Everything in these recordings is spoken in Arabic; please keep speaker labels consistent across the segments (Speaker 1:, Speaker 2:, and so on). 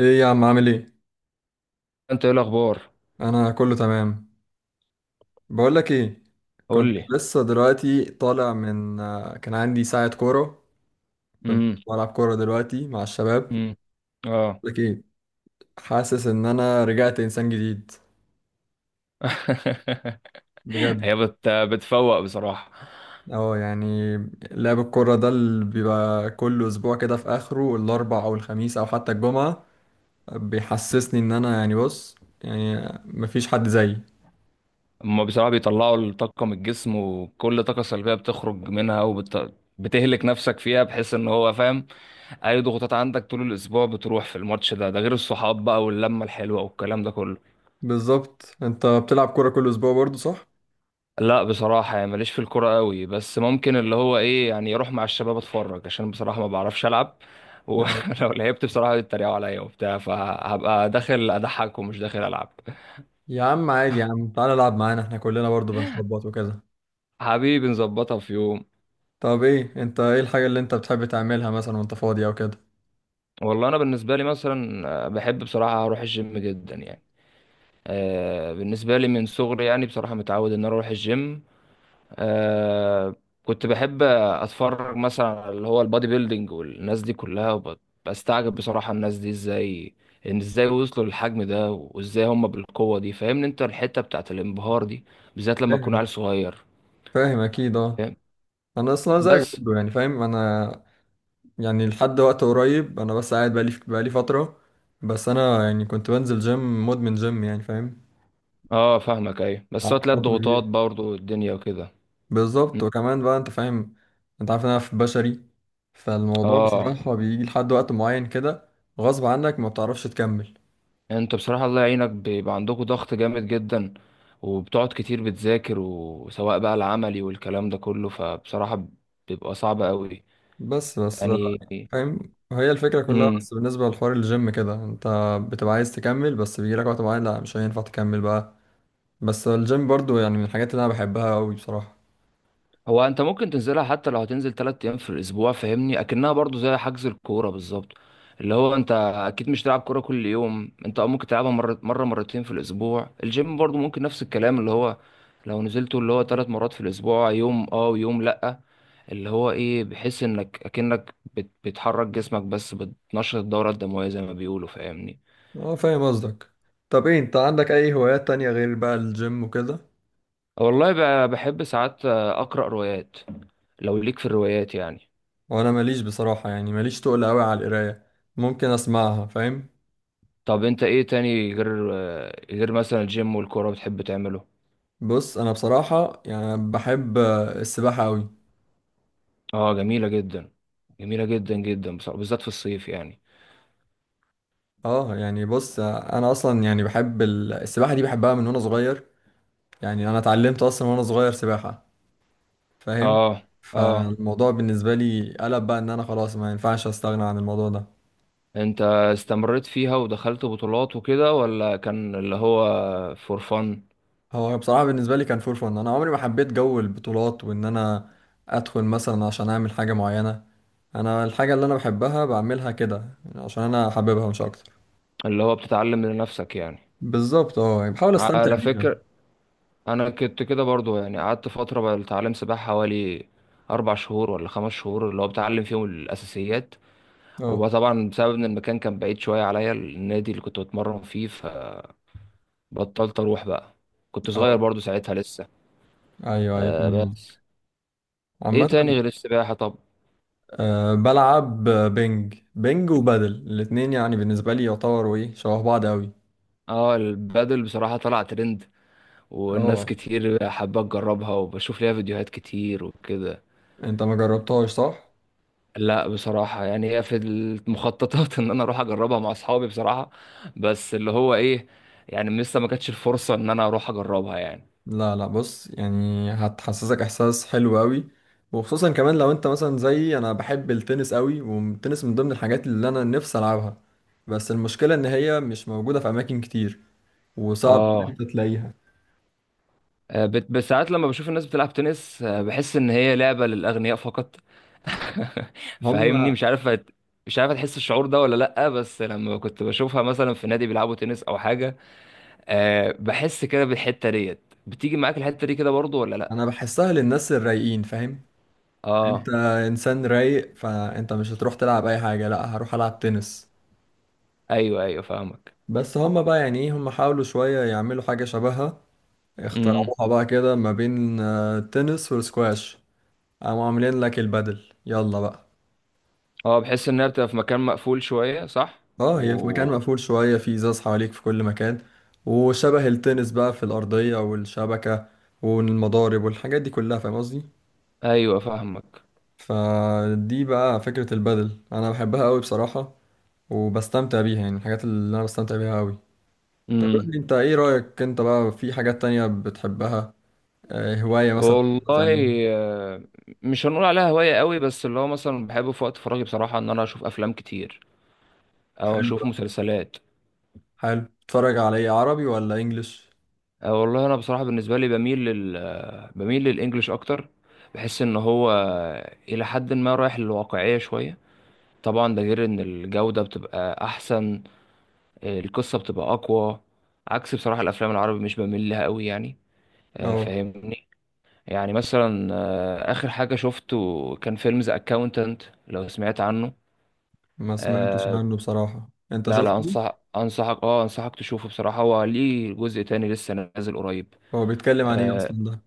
Speaker 1: ايه يا عم عامل ايه؟
Speaker 2: انت ايه الاخبار؟
Speaker 1: انا كله تمام. بقول لك ايه. كنت
Speaker 2: قول لي.
Speaker 1: لسه دلوقتي طالع من كان عندي ساعة كورة. كنت
Speaker 2: امم.
Speaker 1: بلعب كورة دلوقتي مع الشباب.
Speaker 2: امم. اه.
Speaker 1: لك ايه. حاسس ان انا رجعت انسان جديد. بجد.
Speaker 2: هي بتفوق بصراحه.
Speaker 1: اه يعني. لعب الكورة ده اللي بيبقى كل اسبوع كده في اخره الاربع او الخميس او حتى الجمعة بيحسسني ان انا يعني بص، يعني مفيش حد زيي.
Speaker 2: هما بصراحه بيطلعوا الطاقه من الجسم، وكل طاقه سلبيه بتخرج منها بتهلك نفسك فيها، بحيث ان هو فاهم اي ضغوطات عندك طول الاسبوع، بتروح في الماتش ده، ده غير الصحاب بقى واللمه الحلوه والكلام ده كله.
Speaker 1: بالظبط، انت بتلعب كورة كل اسبوع برضه صح؟
Speaker 2: لا بصراحة، يعني ماليش في الكورة قوي، بس ممكن اللي هو ايه، يعني اروح مع الشباب اتفرج، عشان بصراحة ما بعرفش العب. ولو لعبت بصراحة يتريقوا عليا وبتاع، فهبقى داخل اضحك ومش داخل العب.
Speaker 1: يا عم عادي، يا عم تعالى العب معانا، احنا كلنا برضو بنخبط وكده.
Speaker 2: حبيبي، نظبطها في يوم.
Speaker 1: طب ايه، انت ايه الحاجة اللي انت بتحب تعملها مثلا وانت فاضي او كده؟
Speaker 2: والله انا بالنسبة لي مثلا بحب بصراحة اروح الجيم جدا يعني. بالنسبة لي من صغري يعني بصراحة متعود ان أنا اروح الجيم. آه. كنت بحب اتفرج مثلا على اللي هو البادي بيلدينج والناس دي كلها بستعجب بصراحة الناس دي ازاي، ان ازاي وصلوا للحجم ده وازاي هم بالقوة دي، فاهمني انت الحتة بتاعت الانبهار دي، بالذات لما تكون عيل
Speaker 1: فاهم.
Speaker 2: صغير.
Speaker 1: فاهم اكيد اه.
Speaker 2: فاهم.
Speaker 1: انا اصلا زيك
Speaker 2: بس
Speaker 1: برضو يعني فاهم انا. يعني لحد وقت قريب انا بس قاعد بقالي فترة. بس انا يعني كنت بنزل جيم، مدمن جيم يعني فاهم.
Speaker 2: اه، فاهمك. ايوه، بس هو
Speaker 1: قعدت
Speaker 2: تلاقي
Speaker 1: فترة كبيرة.
Speaker 2: الضغوطات برضه الدنيا وكده. م.
Speaker 1: بالظبط، وكمان بقى انت فاهم. انت عارف إن انا في بشري. فالموضوع
Speaker 2: اه،
Speaker 1: بصراحة بيجي لحد وقت معين كده غصب عنك ما بتعرفش تكمل.
Speaker 2: يعني انت بصراحة الله يعينك، بيبقى عندكم ضغط جامد جدا، وبتقعد كتير بتذاكر، وسواء بقى العملي والكلام ده كله، فبصراحة بيبقى صعب قوي
Speaker 1: بس بس.
Speaker 2: يعني.
Speaker 1: فاهم، هي الفكرة كلها
Speaker 2: امم.
Speaker 1: بس بالنسبة لحوار الجيم كده، انت بتبقى عايز تكمل بس بيجيلك وقت معين لا مش هينفع تكمل بقى. بس الجيم برضو يعني من الحاجات اللي انا بحبها قوي بصراحة.
Speaker 2: هو انت ممكن تنزلها حتى لو هتنزل ثلاث ايام في الاسبوع، فاهمني اكنها برضو زي حجز الكوره بالظبط، اللي هو انت اكيد مش تلعب كوره كل يوم، انت أه ممكن تلعبها مره، مره مرتين في الاسبوع. الجيم برضو ممكن نفس الكلام، اللي هو لو نزلته اللي هو ثلاث مرات في الاسبوع، يوم اه ويوم لا، اللي هو ايه، بحيث انك اكنك بتحرك جسمك، بس بتنشط الدوره الدمويه زي ما بيقولوا، فاهمني.
Speaker 1: اه فاهم قصدك. طب ايه انت، عندك اي هوايات تانية غير بقى الجيم وكده؟
Speaker 2: والله، بحب ساعات اقرا روايات، لو ليك في الروايات يعني.
Speaker 1: وانا ماليش بصراحة، يعني ماليش تقل قوي على القراية. ممكن اسمعها فاهم.
Speaker 2: طب انت ايه تاني، غير مثلا الجيم والكورة، بتحب تعمله؟
Speaker 1: بص انا بصراحة يعني بحب السباحة قوي.
Speaker 2: اه، جميلة جدا. جميلة جدا جدا. بالذات في الصيف يعني.
Speaker 1: اه يعني بص، انا اصلا يعني بحب السباحة دي بحبها من وانا صغير. يعني انا اتعلمت اصلا وانا صغير سباحة، فاهم.
Speaker 2: اه. اه،
Speaker 1: فالموضوع بالنسبة لي قلب بقى، ان انا خلاص ما ينفعش استغنى عن الموضوع ده.
Speaker 2: انت استمريت فيها ودخلت بطولات وكده، ولا كان اللي هو فور فن؟
Speaker 1: هو بصراحة بالنسبة لي كان فور فن. انا عمري ما حبيت جو البطولات وان انا ادخل مثلا عشان اعمل حاجة معينة. انا الحاجة اللي انا بحبها بعملها كده، يعني عشان انا حاببها مش اكتر.
Speaker 2: اللي هو بتتعلم لنفسك يعني.
Speaker 1: بالظبط اه، يعني بحاول استمتع
Speaker 2: على
Speaker 1: بيها.
Speaker 2: فكرة، انا كنت كده برضو، يعني قعدت فترة بتعلم سباحة حوالي اربع شهور ولا خمس شهور، اللي هو بتعلم فيهم الاساسيات،
Speaker 1: اه
Speaker 2: وطبعا بسبب ان المكان كان بعيد شويه عليا، النادي اللي كنت بتمرن فيه، بطلت اروح بقى. كنت صغير
Speaker 1: اه.
Speaker 2: برضو ساعتها لسه.
Speaker 1: ايوه ايوه
Speaker 2: آه.
Speaker 1: فاهم قصدك.
Speaker 2: بس ايه
Speaker 1: عامة،
Speaker 2: تاني غير السباحة طب؟
Speaker 1: أه بلعب بينج بينج وبادل، الاتنين يعني بالنسبة لي يعتبروا ايه شبه بعض اوي.
Speaker 2: اه، البادل بصراحة طلع ترند، والناس
Speaker 1: اه
Speaker 2: كتير حابة تجربها، وبشوف ليها فيديوهات كتير وكده.
Speaker 1: انت ما جربتهاش صح؟
Speaker 2: لا بصراحة، يعني هي في المخططات ان انا اروح اجربها مع اصحابي بصراحة، بس اللي هو ايه، يعني لسه ما كانتش الفرصة ان انا اروح اجربها يعني.
Speaker 1: لا لا، بص يعني هتحسسك احساس حلو قوي. وخصوصا كمان لو انت مثلا زي انا بحب التنس قوي، والتنس من ضمن الحاجات اللي انا نفسي العبها بس المشكله ان هي مش موجوده في اماكن كتير، وصعب ان
Speaker 2: اه،
Speaker 1: انت تلاقيها.
Speaker 2: بس ساعات لما بشوف الناس بتلعب تنس، بحس ان هي لعبة للأغنياء فقط.
Speaker 1: هم.
Speaker 2: فاهمني، مش عارف مش عارف هتحس الشعور ده ولا لأ، بس لما كنت بشوفها مثلا في نادي بيلعبوا تنس او حاجة، أه، بحس كده بالحتة ديت. بتيجي معاك الحتة دي كده برضو ولا لأ؟
Speaker 1: انا بحسها للناس الرايقين فاهم. انت
Speaker 2: اه،
Speaker 1: انسان رايق فانت مش هتروح تلعب اي حاجه، لا هروح العب تنس.
Speaker 2: ايوه، ايوه، فاهمك.
Speaker 1: بس هم بقى يعني ايه، هم حاولوا شويه يعملوا حاجه شبهها،
Speaker 2: امم.
Speaker 1: اخترعوها بقى كده ما بين التنس والسكواش. قاموا عاملين لك البدل يلا بقى.
Speaker 2: اه، بحس انها بتبقى في مكان مقفول شوية، صح؟
Speaker 1: اه هي في مكان
Speaker 2: و...
Speaker 1: مقفول شوية، في ازاز حواليك في كل مكان. وشبه التنس بقى في الأرضية والشبكة والمضارب والحاجات دي كلها، فاهم قصدي.
Speaker 2: ايوه، فاهمك.
Speaker 1: فدي بقى فكرة البدل أنا بحبها أوي بصراحة، وبستمتع بيها، يعني من الحاجات اللي أنا بستمتع بيها أوي. طب قول
Speaker 2: مم.
Speaker 1: لي أنت إيه رأيك، أنت بقى في حاجات تانية بتحبها، هواية مثلا بتعملها؟
Speaker 2: والله، آه، مش هنقول عليها هواية قوي، بس اللي هو مثلا بحب في وقت فراغي بصراحة ان انا اشوف افلام كتير، او
Speaker 1: حلو
Speaker 2: اشوف
Speaker 1: ده.
Speaker 2: مسلسلات.
Speaker 1: حلو، تتفرج على إيه عربي ولا إنجليش؟
Speaker 2: أو والله انا بصراحة بالنسبة لي، بميل لل آه، بميل للانجليش اكتر. بحس ان هو الى حد ما رايح للواقعية شوية، طبعا ده غير ان الجودة بتبقى احسن، القصة بتبقى اقوى، عكس بصراحة الافلام العربي مش بميل لها قوي يعني.
Speaker 1: اه
Speaker 2: فاهمني. يعني مثلا اخر حاجة شفته كان فيلم ذا اكاونتنت، لو سمعت عنه.
Speaker 1: ما سمعتش
Speaker 2: آه.
Speaker 1: عنه بصراحة، أنت
Speaker 2: لا، لا،
Speaker 1: شفته؟
Speaker 2: انصحك تشوفه بصراحة، هو ليه جزء تاني لسه نازل قريب.
Speaker 1: هو بيتكلم عن ايه
Speaker 2: آه
Speaker 1: اصلا ده؟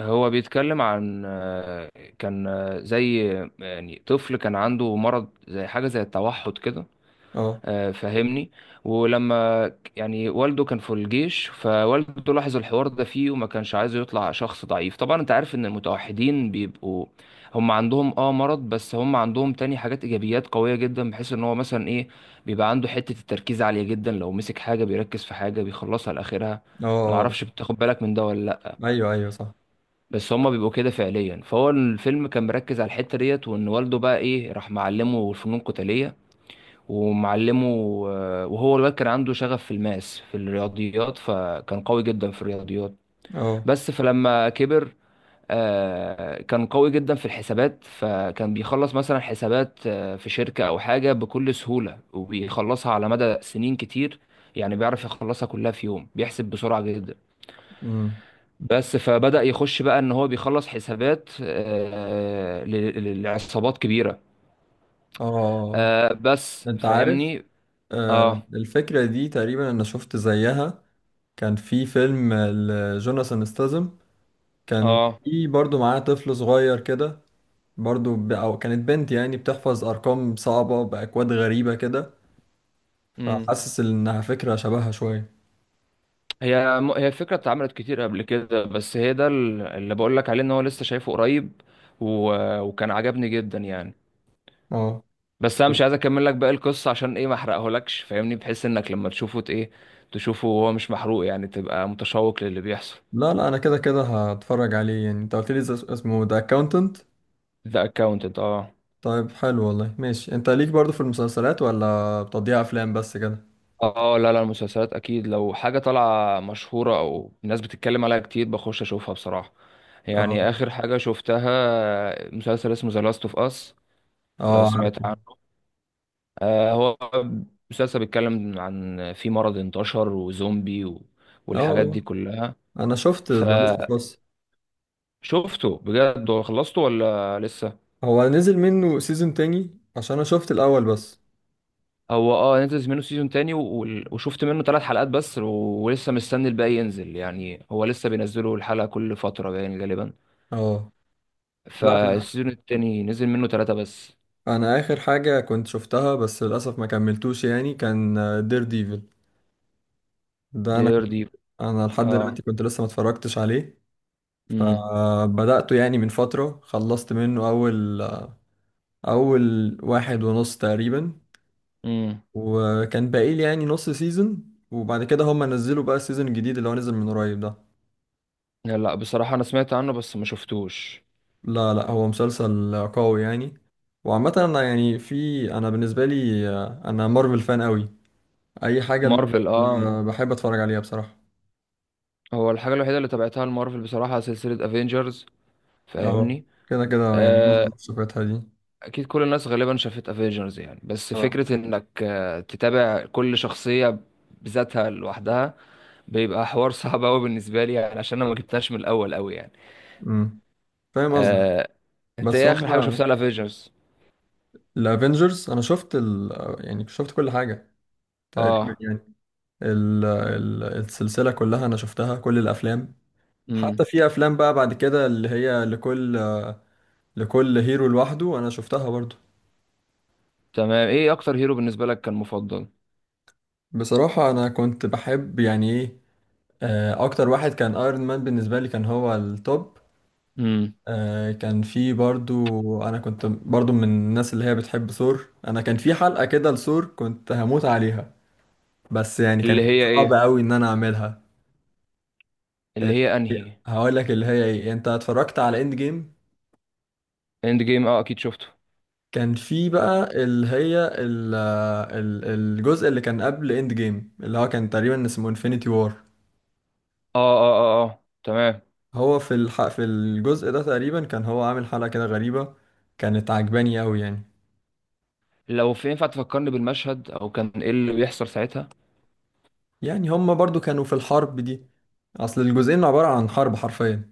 Speaker 2: هو بيتكلم عن. كان زي يعني طفل كان عنده مرض، زي حاجة زي التوحد كده.
Speaker 1: اه
Speaker 2: فاهمني. ولما يعني والده كان في الجيش، فوالده لاحظ الحوار ده فيه، وما كانش عايزه يطلع شخص ضعيف. طبعا انت عارف ان المتوحدين بيبقوا، هم عندهم مرض، بس هم عندهم تاني حاجات ايجابيات قوية جدا، بحيث ان هو مثلا ايه، بيبقى عنده حتة التركيز عالية جدا، لو مسك حاجة بيركز في حاجة بيخلصها لاخرها.
Speaker 1: اه آه.
Speaker 2: معرفش بتاخد بالك من ده ولا لا.
Speaker 1: ايوه ايوه صح.
Speaker 2: بس هما بيبقوا كده فعليا، فهو الفيلم كان مركز على الحتة ديت، وان والده بقى ايه راح معلمه فنون قتالية ومعلمه، وهو الواد كان عنده شغف في الرياضيات، فكان قوي جدا في الرياضيات.
Speaker 1: اه
Speaker 2: بس فلما كبر، كان قوي جدا في الحسابات، فكان بيخلص مثلا حسابات في شركة أو حاجة بكل سهولة، وبيخلصها على مدى سنين كتير، يعني بيعرف يخلصها كلها في يوم، بيحسب بسرعة جدا.
Speaker 1: امم
Speaker 2: بس فبدأ يخش بقى إن هو بيخلص حسابات، لعصابات كبيرة.
Speaker 1: اه آه،
Speaker 2: بس
Speaker 1: آه. انت عارف،
Speaker 2: فاهمني.
Speaker 1: آه،
Speaker 2: اه.
Speaker 1: الفكره دي تقريبا انا شفت زيها. كان في فيلم لجوناثان ستاثام، كان
Speaker 2: اه.
Speaker 1: في برضو معاه طفل صغير كده. برضو او كانت بنت يعني بتحفظ ارقام صعبه باكواد غريبه كده.
Speaker 2: مم.
Speaker 1: فحاسس انها فكره شبهها شويه.
Speaker 2: هي الفكرة اتعملت كتير قبل كده، بس هي ده اللي بقول لك عليه، ان هو لسه شايفه قريب، و... وكان عجبني جدا يعني.
Speaker 1: اه
Speaker 2: بس انا مش عايز اكمل لك باقي القصة، عشان ايه ما احرقهولكش، فاهمني، بحيث انك لما تشوفه ت- ايه تشوفه وهو مش محروق، يعني تبقى متشوق للي بيحصل.
Speaker 1: لا لا، انا كده كده هتفرج عليه يعني، انت قلت لي اسمه ذا اكاونتنت.
Speaker 2: ذا اكاونتنت، اه.
Speaker 1: طيب حلو والله، ماشي. انت ليك برضو في المسلسلات ولا بتضيع افلام بس كده؟
Speaker 2: اه، لا، لا، المسلسلات اكيد لو حاجة طالعة مشهورة او الناس بتتكلم عليها كتير بخش اشوفها بصراحة.
Speaker 1: اه
Speaker 2: يعني اخر حاجة شفتها مسلسل اسمه ذا لاست اوف اس، لو
Speaker 1: اه عارفه.
Speaker 2: سمعت عنه. هو مسلسل بيتكلم عن في مرض انتشر وزومبي،
Speaker 1: اه
Speaker 2: والحاجات دي
Speaker 1: آه.
Speaker 2: كلها.
Speaker 1: انا شفت ذا لاست اوف
Speaker 2: فشفته
Speaker 1: اس.
Speaker 2: بجد، هو خلصته ولا لسه؟
Speaker 1: هو نزل منه سيزون تاني عشان انا شفت الاول بس.
Speaker 2: هو اه نزل منه سيزون تاني، وشفت منه ثلاث حلقات بس، ولسه مستني الباقي ينزل، يعني هو لسه بينزلوا الحلقة كل فترة يعني غالبا.
Speaker 1: اه لا انا
Speaker 2: فالسيزون التاني نزل منه ثلاثة بس.
Speaker 1: انا اخر حاجة كنت شفتها بس للاسف ما كملتوش يعني، كان دير ديفل. ده انا
Speaker 2: دير دي
Speaker 1: انا لحد
Speaker 2: اه.
Speaker 1: دلوقتي كنت لسه ما اتفرجتش عليه.
Speaker 2: امم.
Speaker 1: فبدأته يعني من فترة، خلصت منه اول واحد ونص تقريبا،
Speaker 2: امم.
Speaker 1: وكان باقي لي يعني نص سيزون. وبعد كده هم نزلوا بقى السيزون الجديد اللي هو نزل من قريب ده.
Speaker 2: لا، لا، بصراحة انا سمعت عنه بس ما شفتوش.
Speaker 1: لا لا، هو مسلسل قوي يعني. وعامة انا يعني في، انا بالنسبة لي انا مارفل فان قوي. اي حاجة المارفل
Speaker 2: مارفل، اه.
Speaker 1: انا بحب اتفرج عليها بصراحة.
Speaker 2: هو الحاجة الوحيدة اللي تابعتها لمارفل بصراحة سلسلة افنجرز،
Speaker 1: اه
Speaker 2: فاهمني.
Speaker 1: كده كده يعني
Speaker 2: آه،
Speaker 1: معظم صفاتها دي.
Speaker 2: اكيد كل الناس غالبا شافت افنجرز يعني، بس
Speaker 1: اه
Speaker 2: فكرة انك تتابع كل شخصية بذاتها لوحدها، بيبقى حوار صعب قوي بالنسبة لي يعني، عشان انا ما جبتهاش من الاول قوي يعني.
Speaker 1: امم فاهم قصدك.
Speaker 2: آه، انت
Speaker 1: بس
Speaker 2: ايه
Speaker 1: هم،
Speaker 2: اخر حاجة شفتها الافنجرز؟
Speaker 1: الافينجرز انا شفت يعني شفت كل حاجة تقريبا
Speaker 2: اه.
Speaker 1: يعني. السلسلة كلها انا شفتها، كل الافلام. حتى
Speaker 2: امم.
Speaker 1: في افلام بقى بعد كده اللي هي لكل هيرو لوحده انا شفتها برضو.
Speaker 2: تمام، ايه اكتر هيرو بالنسبة لك كان مفضل؟
Speaker 1: بصراحة انا كنت بحب يعني ايه، اكتر واحد كان ايرون مان، بالنسبة لي كان هو التوب.
Speaker 2: امم.
Speaker 1: كان في برضو، انا كنت برضو من الناس اللي هي بتحب ثور. انا كان في حلقة كده لثور كنت هموت عليها، بس يعني
Speaker 2: اللي
Speaker 1: كانت
Speaker 2: هي
Speaker 1: صعبة
Speaker 2: ايه
Speaker 1: قوي ان انا اعملها.
Speaker 2: اللي
Speaker 1: ال-
Speaker 2: هي انهي؟
Speaker 1: هقول لك اللي هي ايه. انت اتفرجت على اند جيم؟
Speaker 2: اند جيم، اه، اكيد شفته.
Speaker 1: كان في بقى اللي هي الجزء اللي كان قبل اند جيم اللي هو كان تقريبا اسمه انفينيتي وار.
Speaker 2: اه، اه، اه، اه، تمام.
Speaker 1: هو في الحق في الجزء ده تقريبا كان هو عامل حلقة كده غريبة، كانت عجباني قوي يعني.
Speaker 2: لو في ينفع تفكرني بالمشهد، او كان ايه اللي بيحصل ساعتها.
Speaker 1: يعني هما برضو كانوا في الحرب دي، اصل الجزئين عبارة عن حرب حرفيا.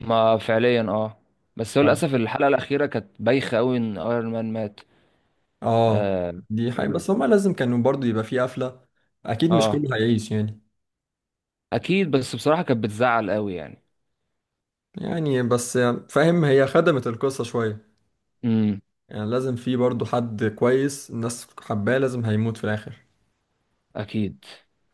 Speaker 2: ما فعليا، اه. بس هو
Speaker 1: ف-
Speaker 2: للاسف الحلقه الاخيره كانت بايخه قوي ان ايرون مان مات.
Speaker 1: اه
Speaker 2: آه.
Speaker 1: دي حقيقة
Speaker 2: ال-
Speaker 1: بس هما لازم كانوا برضو يبقى في قفلة. اكيد مش
Speaker 2: اه،
Speaker 1: كله هيعيش يعني.
Speaker 2: اكيد. بس بصراحه كانت بتزعل قوي يعني.
Speaker 1: يعني بس، فاهم هي خدمت القصة شوية.
Speaker 2: امم.
Speaker 1: يعني لازم في برضو حد كويس الناس حباه لازم هيموت في الاخر.
Speaker 2: اكيد.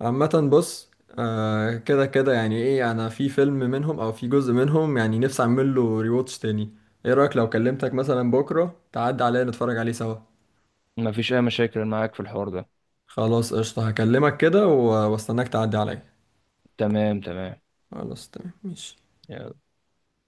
Speaker 1: عامة بص، آه كده كده يعني ايه، انا في فيلم منهم او في جزء منهم يعني نفسي اعمل له ريواتش تاني. ايه رأيك لو كلمتك مثلا بكرة تعدي عليا نتفرج عليه سوا؟
Speaker 2: ما فيش اي مشاكل معاك في الحوار ده.
Speaker 1: خلاص قشطة، هكلمك كده واستناك تعدي عليا.
Speaker 2: تمام، تمام.
Speaker 1: خلاص تمام ماشي.